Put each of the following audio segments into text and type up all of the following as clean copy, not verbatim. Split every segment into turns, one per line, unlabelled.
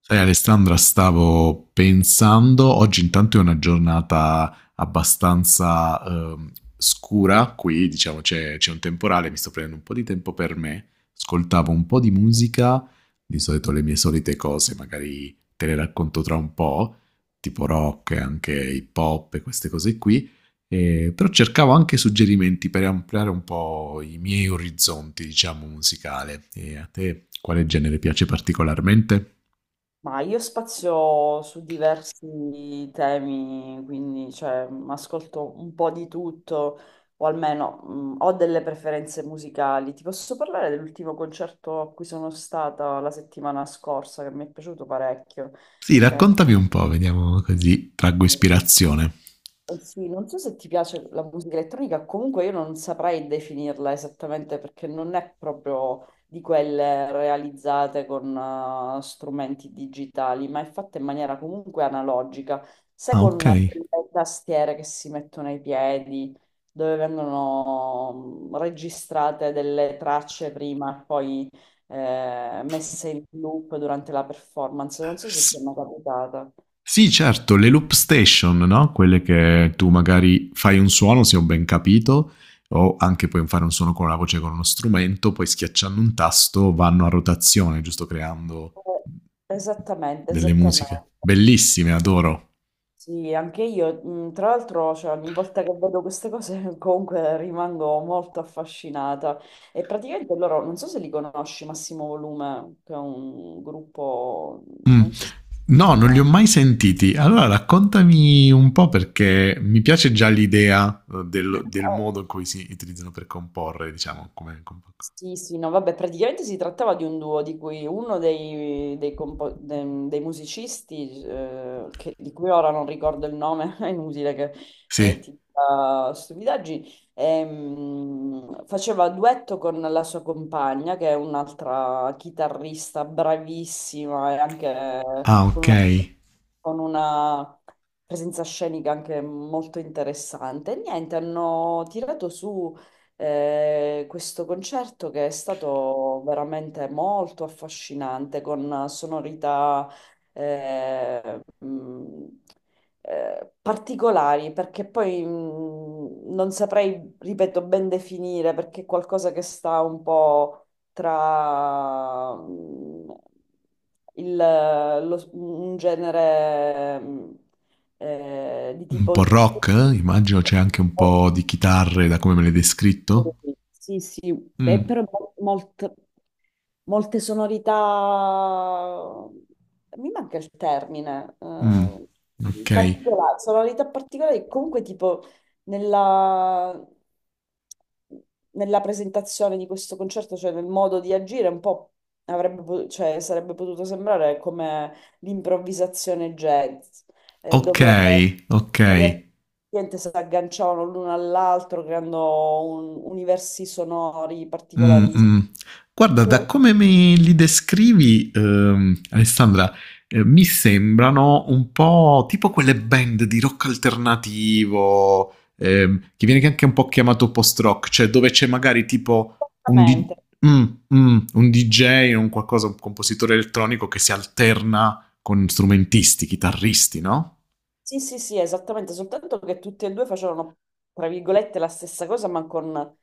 Sai Alessandra, stavo pensando, oggi intanto è una giornata abbastanza scura, qui diciamo c'è un temporale, mi sto prendendo un po' di tempo per me, ascoltavo un po' di musica, di solito le mie solite cose, magari te le racconto tra un po', tipo rock e anche hip hop e queste cose qui, però cercavo anche suggerimenti per ampliare un po' i miei orizzonti, diciamo, musicale. E a te quale genere piace particolarmente?
Ma io spazio su diversi temi, quindi cioè, ascolto un po' di tutto, o almeno ho delle preferenze musicali. Ti posso parlare dell'ultimo concerto a cui sono stata la settimana scorsa, che mi è piaciuto parecchio.
Sì,
Eh,
raccontami un po', vediamo così traggo ispirazione.
Sì, non so se ti piace la musica elettronica, comunque io non saprei definirla esattamente perché non è proprio di quelle realizzate con strumenti digitali, ma è fatta in maniera comunque analogica, se
Ah,
con
ok.
le tastiere che si mettono ai piedi, dove vengono registrate delle tracce prima e poi messe in loop durante la performance, non so se ti è
S-
mai capitata.
sì, certo, le loop station, no? Quelle che tu magari fai un suono, se ho ben capito, o anche puoi fare un suono con la voce con uno strumento, poi schiacciando un tasto vanno a rotazione, giusto creando
Eh, Esattamente,
delle musiche.
esattamente.
Bellissime, adoro.
Sì, anche io, tra l'altro, cioè, ogni volta che vedo queste cose comunque rimango molto affascinata. E praticamente loro, non so se li conosci, Massimo Volume, che è un gruppo,
Mm.
non so se...
No, non li ho mai sentiti. Allora raccontami un po' perché mi piace già l'idea del, del modo in cui si utilizzano per comporre, diciamo, come...
Sì, sì, no, vabbè, praticamente si trattava di un duo di cui uno dei musicisti, di cui ora non ricordo il nome, è inutile che
Sì.
ti dica stupidaggini, faceva duetto con la sua compagna, che è un'altra chitarrista bravissima e anche
Ah, ok.
con una presenza scenica anche molto interessante. E niente, hanno tirato su questo concerto che è stato veramente molto affascinante con sonorità eh, mh, particolari, perché poi non saprei, ripeto, ben definire, perché è qualcosa che sta un po' tra il, un genere di
Un po'
tipo
rock, eh? Immagino c'è anche un po' di chitarre da come me l'hai descritto.
sì, sì,
Mm,
è però molto, molte sonorità, mi manca il termine,
mm. Ok,
particolari, sonorità particolari, comunque tipo nella, nella presentazione di questo concerto, cioè nel modo di agire, un po' cioè, sarebbe potuto sembrare come l'improvvisazione jazz,
ok,
dove,
ok.
dove niente, si agganciavano l'uno all'altro creando universi sonori
Mm,
particolari.
mm. Guarda, da come me li descrivi, Alessandra, mi sembrano un po' tipo quelle band di rock alternativo, che viene anche un po' chiamato post-rock, cioè dove c'è magari tipo un, di-
Esattamente.
mm, un DJ, un qualcosa, un compositore elettronico che si alterna con strumentisti, chitarristi, no?
Sì, sì, sì, esattamente, soltanto che tutti e due facevano, tra virgolette, la stessa cosa, ma con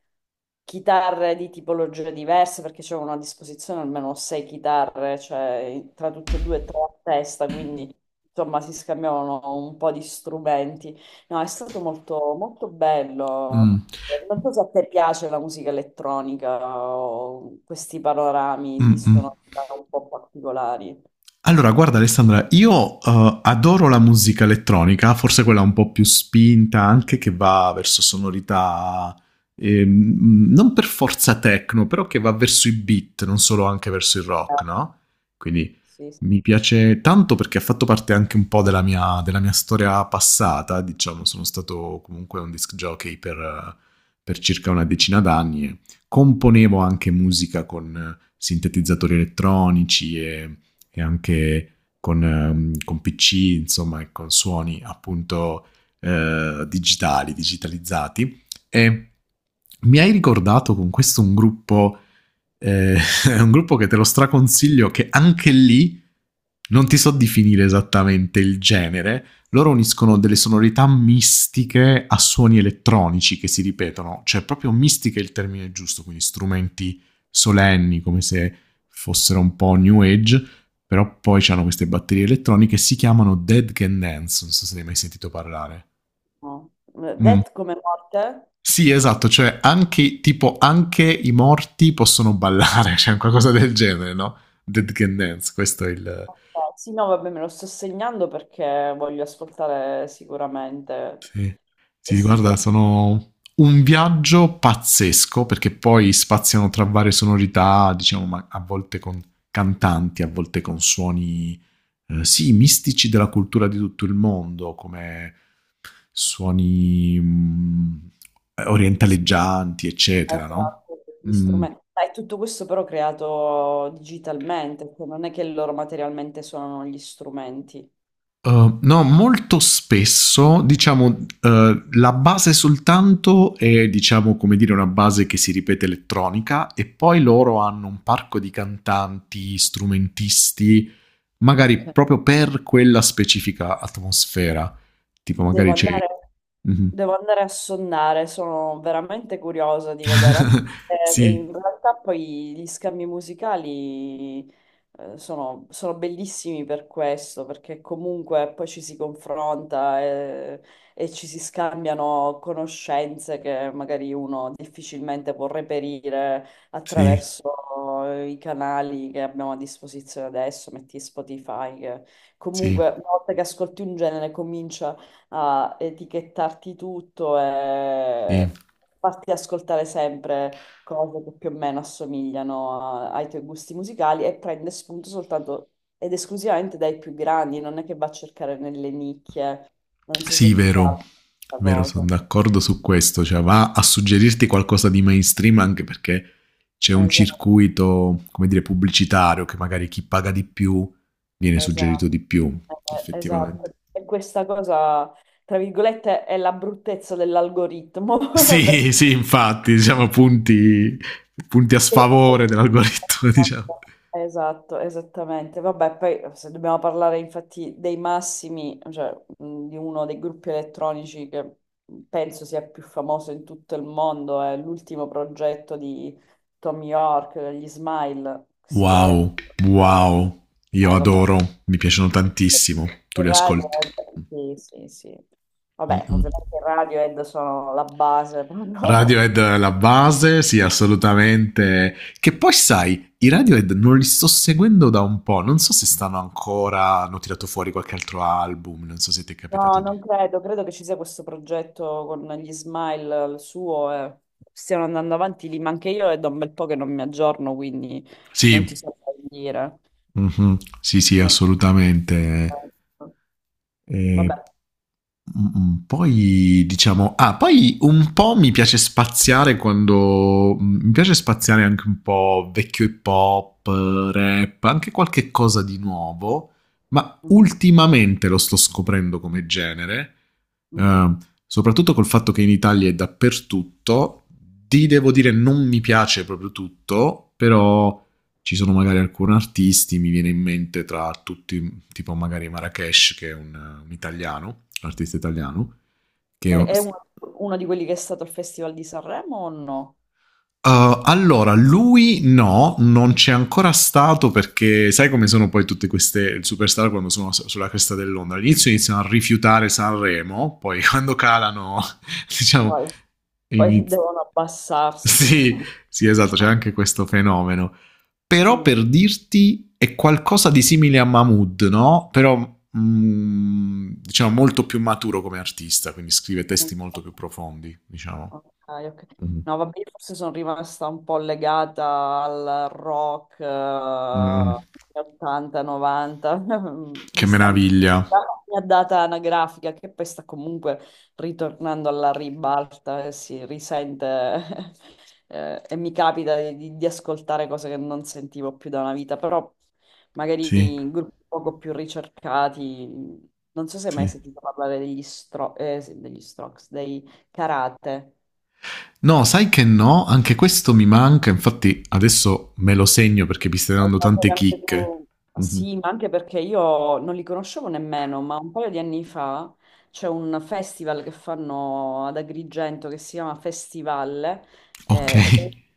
chitarre di tipologie diverse, perché c'erano a disposizione almeno 6 chitarre, cioè tra tutti e due tre a testa, quindi insomma si scambiavano un po' di strumenti. No, è stato molto, molto
Mm,
bello. Non so se a te piace la musica elettronica o questi panorami di
mm, mm.
sonorità un po' particolari.
Allora, guarda Alessandra, io adoro la musica elettronica, forse quella un po' più spinta, anche che va verso sonorità non per forza techno, però che va verso i beat, non solo anche verso il
Eh,
rock, no? Quindi
sì, sì.
mi piace tanto perché ha fatto parte anche un po' della mia storia passata, diciamo, sono stato comunque un disc jockey per circa una decina d'anni e componevo anche musica con sintetizzatori elettronici e anche con PC, insomma, e con suoni appunto digitali, digitalizzati. E mi hai ricordato con questo un gruppo, eh, un gruppo che te lo straconsiglio, che anche lì non ti so definire esattamente il genere. Loro uniscono
Sì.
delle sonorità mistiche a suoni elettronici che si ripetono, cioè proprio mistiche è il termine giusto, quindi strumenti solenni come se fossero un po' new age però poi c'hanno queste batterie elettroniche, si chiamano Dead Can Dance, non so se ne hai mai sentito parlare.
No. Det
Mm.
come morte?
Sì, esatto, cioè anche, tipo, anche i morti possono ballare, cioè qualcosa del genere, no? Dead Can Dance, questo è il...
Ok, sì, no, vabbè, me lo sto segnando perché voglio ascoltare sicuramente
Sì,
che
sì
si
guarda,
tratta
sono un viaggio pazzesco perché poi spaziano tra varie sonorità, diciamo, ma a volte con cantanti, a volte con suoni sì, mistici della cultura di tutto il mondo, come suoni
di,
orientaleggianti, eccetera, no?
esatto, di
Mm.
strumenti. Ma è tutto questo però creato digitalmente, cioè non è che loro materialmente suonano gli strumenti.
No, molto spesso, diciamo, la base soltanto è, diciamo, come dire, una base che si ripete elettronica e poi loro hanno un parco di cantanti, strumentisti, magari
Ok.
proprio per quella specifica atmosfera. Tipo,
Devo
magari c'è...
andare,
Mhm.
devo andare a sonnare, sono veramente curiosa di vedere. Anche se,
sì,
in realtà poi gli scambi musicali sono, sono bellissimi per questo, perché comunque poi ci si confronta e, ci si scambiano conoscenze che magari uno difficilmente può reperire
sì,
attraverso i canali che abbiamo a disposizione adesso, metti Spotify, che
sì,
comunque una volta che ascolti un genere comincia a etichettarti tutto
sì.
e farti ascoltare sempre cose che più o meno assomigliano ai tuoi gusti musicali e prende spunto soltanto ed esclusivamente dai più grandi, non è che va a cercare nelle nicchie. Non so se
Sì,
ti
vero,
piace questa
vero, sono
cosa.
d'accordo su questo, cioè va a suggerirti qualcosa di mainstream anche perché c'è un
Esatto,
circuito, come dire, pubblicitario che magari chi paga di più viene suggerito
esatto,
di più,
esatto.
effettivamente.
E questa cosa, tra virgolette, è la bruttezza dell'algoritmo.
Sì,
perché
sì, infatti, diciamo punti a sfavore dell'algoritmo, diciamo.
esatto, esattamente. Vabbè, poi se dobbiamo parlare infatti dei massimi, cioè di uno dei gruppi elettronici che penso sia più famoso in tutto il mondo, è l'ultimo progetto di Tom York, gli Smile, sicuramente.
Wow, wow, io
Vabbè.
adoro, mi piacciono tantissimo, tu
Il
li
radio
ascolti.
sì, sì, sì. Vabbè,
Mm-mm.
ovviamente il Radiohead sono la base, no?
Radiohead la base, sì, assolutamente. Che poi sai, i Radiohead non li sto seguendo da un po', non so se stanno ancora, hanno tirato fuori qualche altro album, non so se ti è
No,
capitato di...
non credo, credo che ci sia questo progetto con gli Smile, il suo, e stiano andando avanti lì, ma anche io è da un bel po' che non mi aggiorno, quindi non ti
Sì,
so dire.
mhm. Sì, sì, assolutamente. E-
Vabbè,
Poi diciamo, ah, poi un po' mi piace spaziare quando mi piace spaziare anche un po' vecchio hip hop, rap, anche qualche cosa di nuovo, ma
mhm,
ultimamente lo sto scoprendo come genere,
mhm.
eh, soprattutto col fatto che in Italia è dappertutto. Ti devo dire, non mi piace proprio tutto, però. Ci sono magari alcuni artisti, mi viene in mente tra tutti, tipo magari Marrakesh, che è un italiano, un artista italiano, che
È uno, uno di quelli che è stato al Festival di Sanremo o no?
Allora, lui no, non c'è ancora stato perché sai come sono poi tutte queste superstar quando sono sulla cresta dell'onda. All'inizio iniziano a rifiutare Sanremo, poi quando calano, diciamo,
Poi, poi
iniz-
devono abbassarsi.
sì, sì, esatto, c'è anche questo fenomeno. Però
Mm.
per dirti è qualcosa di simile a Mahmood, no? Però diciamo molto più maturo come artista, quindi scrive
Mm.
testi molto più profondi, diciamo.
Ok, ok.
Mm.
No, vabbè, io forse sono rimasta un po' legata al rock
Mm.
80-90,
Che
vista anche
meraviglia.
la mia data anagrafica, che poi sta comunque ritornando alla ribalta e si risente. E mi capita di, di ascoltare cose che non sentivo più da una vita, però magari
Sì,
in gruppi poco più ricercati. Non so se hai mai
sì.
sentito parlare degli, sì, degli Strokes, dei Karate.
No, sai che no, anche questo mi manca, infatti adesso me lo segno perché mi stai
Hai
dando
dato
tante
anche
chicche.
tu.
Mhm.
Sì, ma anche perché io non li conoscevo nemmeno, ma un paio di anni fa c'è un festival che fanno ad Agrigento che si chiama Festival,
Ok.
eh,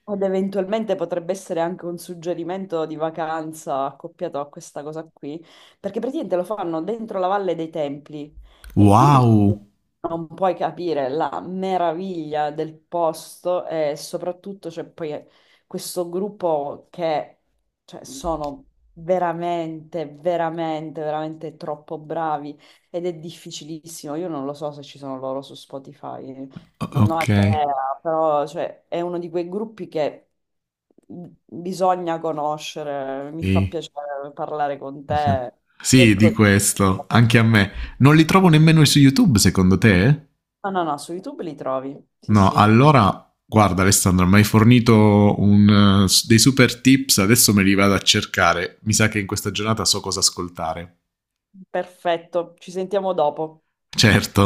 ed eventualmente potrebbe essere anche un suggerimento di vacanza accoppiato a questa cosa qui, perché praticamente lo fanno dentro la Valle dei Templi e quindi
Wow.
non puoi capire la meraviglia del posto e soprattutto c'è poi questo gruppo che cioè, sono veramente, veramente, veramente troppo bravi ed è difficilissimo. Io non lo so se ci sono loro su Spotify,
O-
non ho
Ok.
idea, però cioè, è uno di quei gruppi che bisogna conoscere. Mi fa
Sì.
piacere parlare con
Uh-huh.
te. E
Sì, di
con-
questo, anche a me. Non li trovo nemmeno su YouTube, secondo te?
No, no, no, su YouTube li trovi. Sì,
No,
sì,
allora, guarda Alessandro, mi hai fornito dei super tips, adesso me li vado a cercare. Mi sa che in questa giornata so cosa ascoltare.
perfetto. Ci sentiamo dopo.
Certo.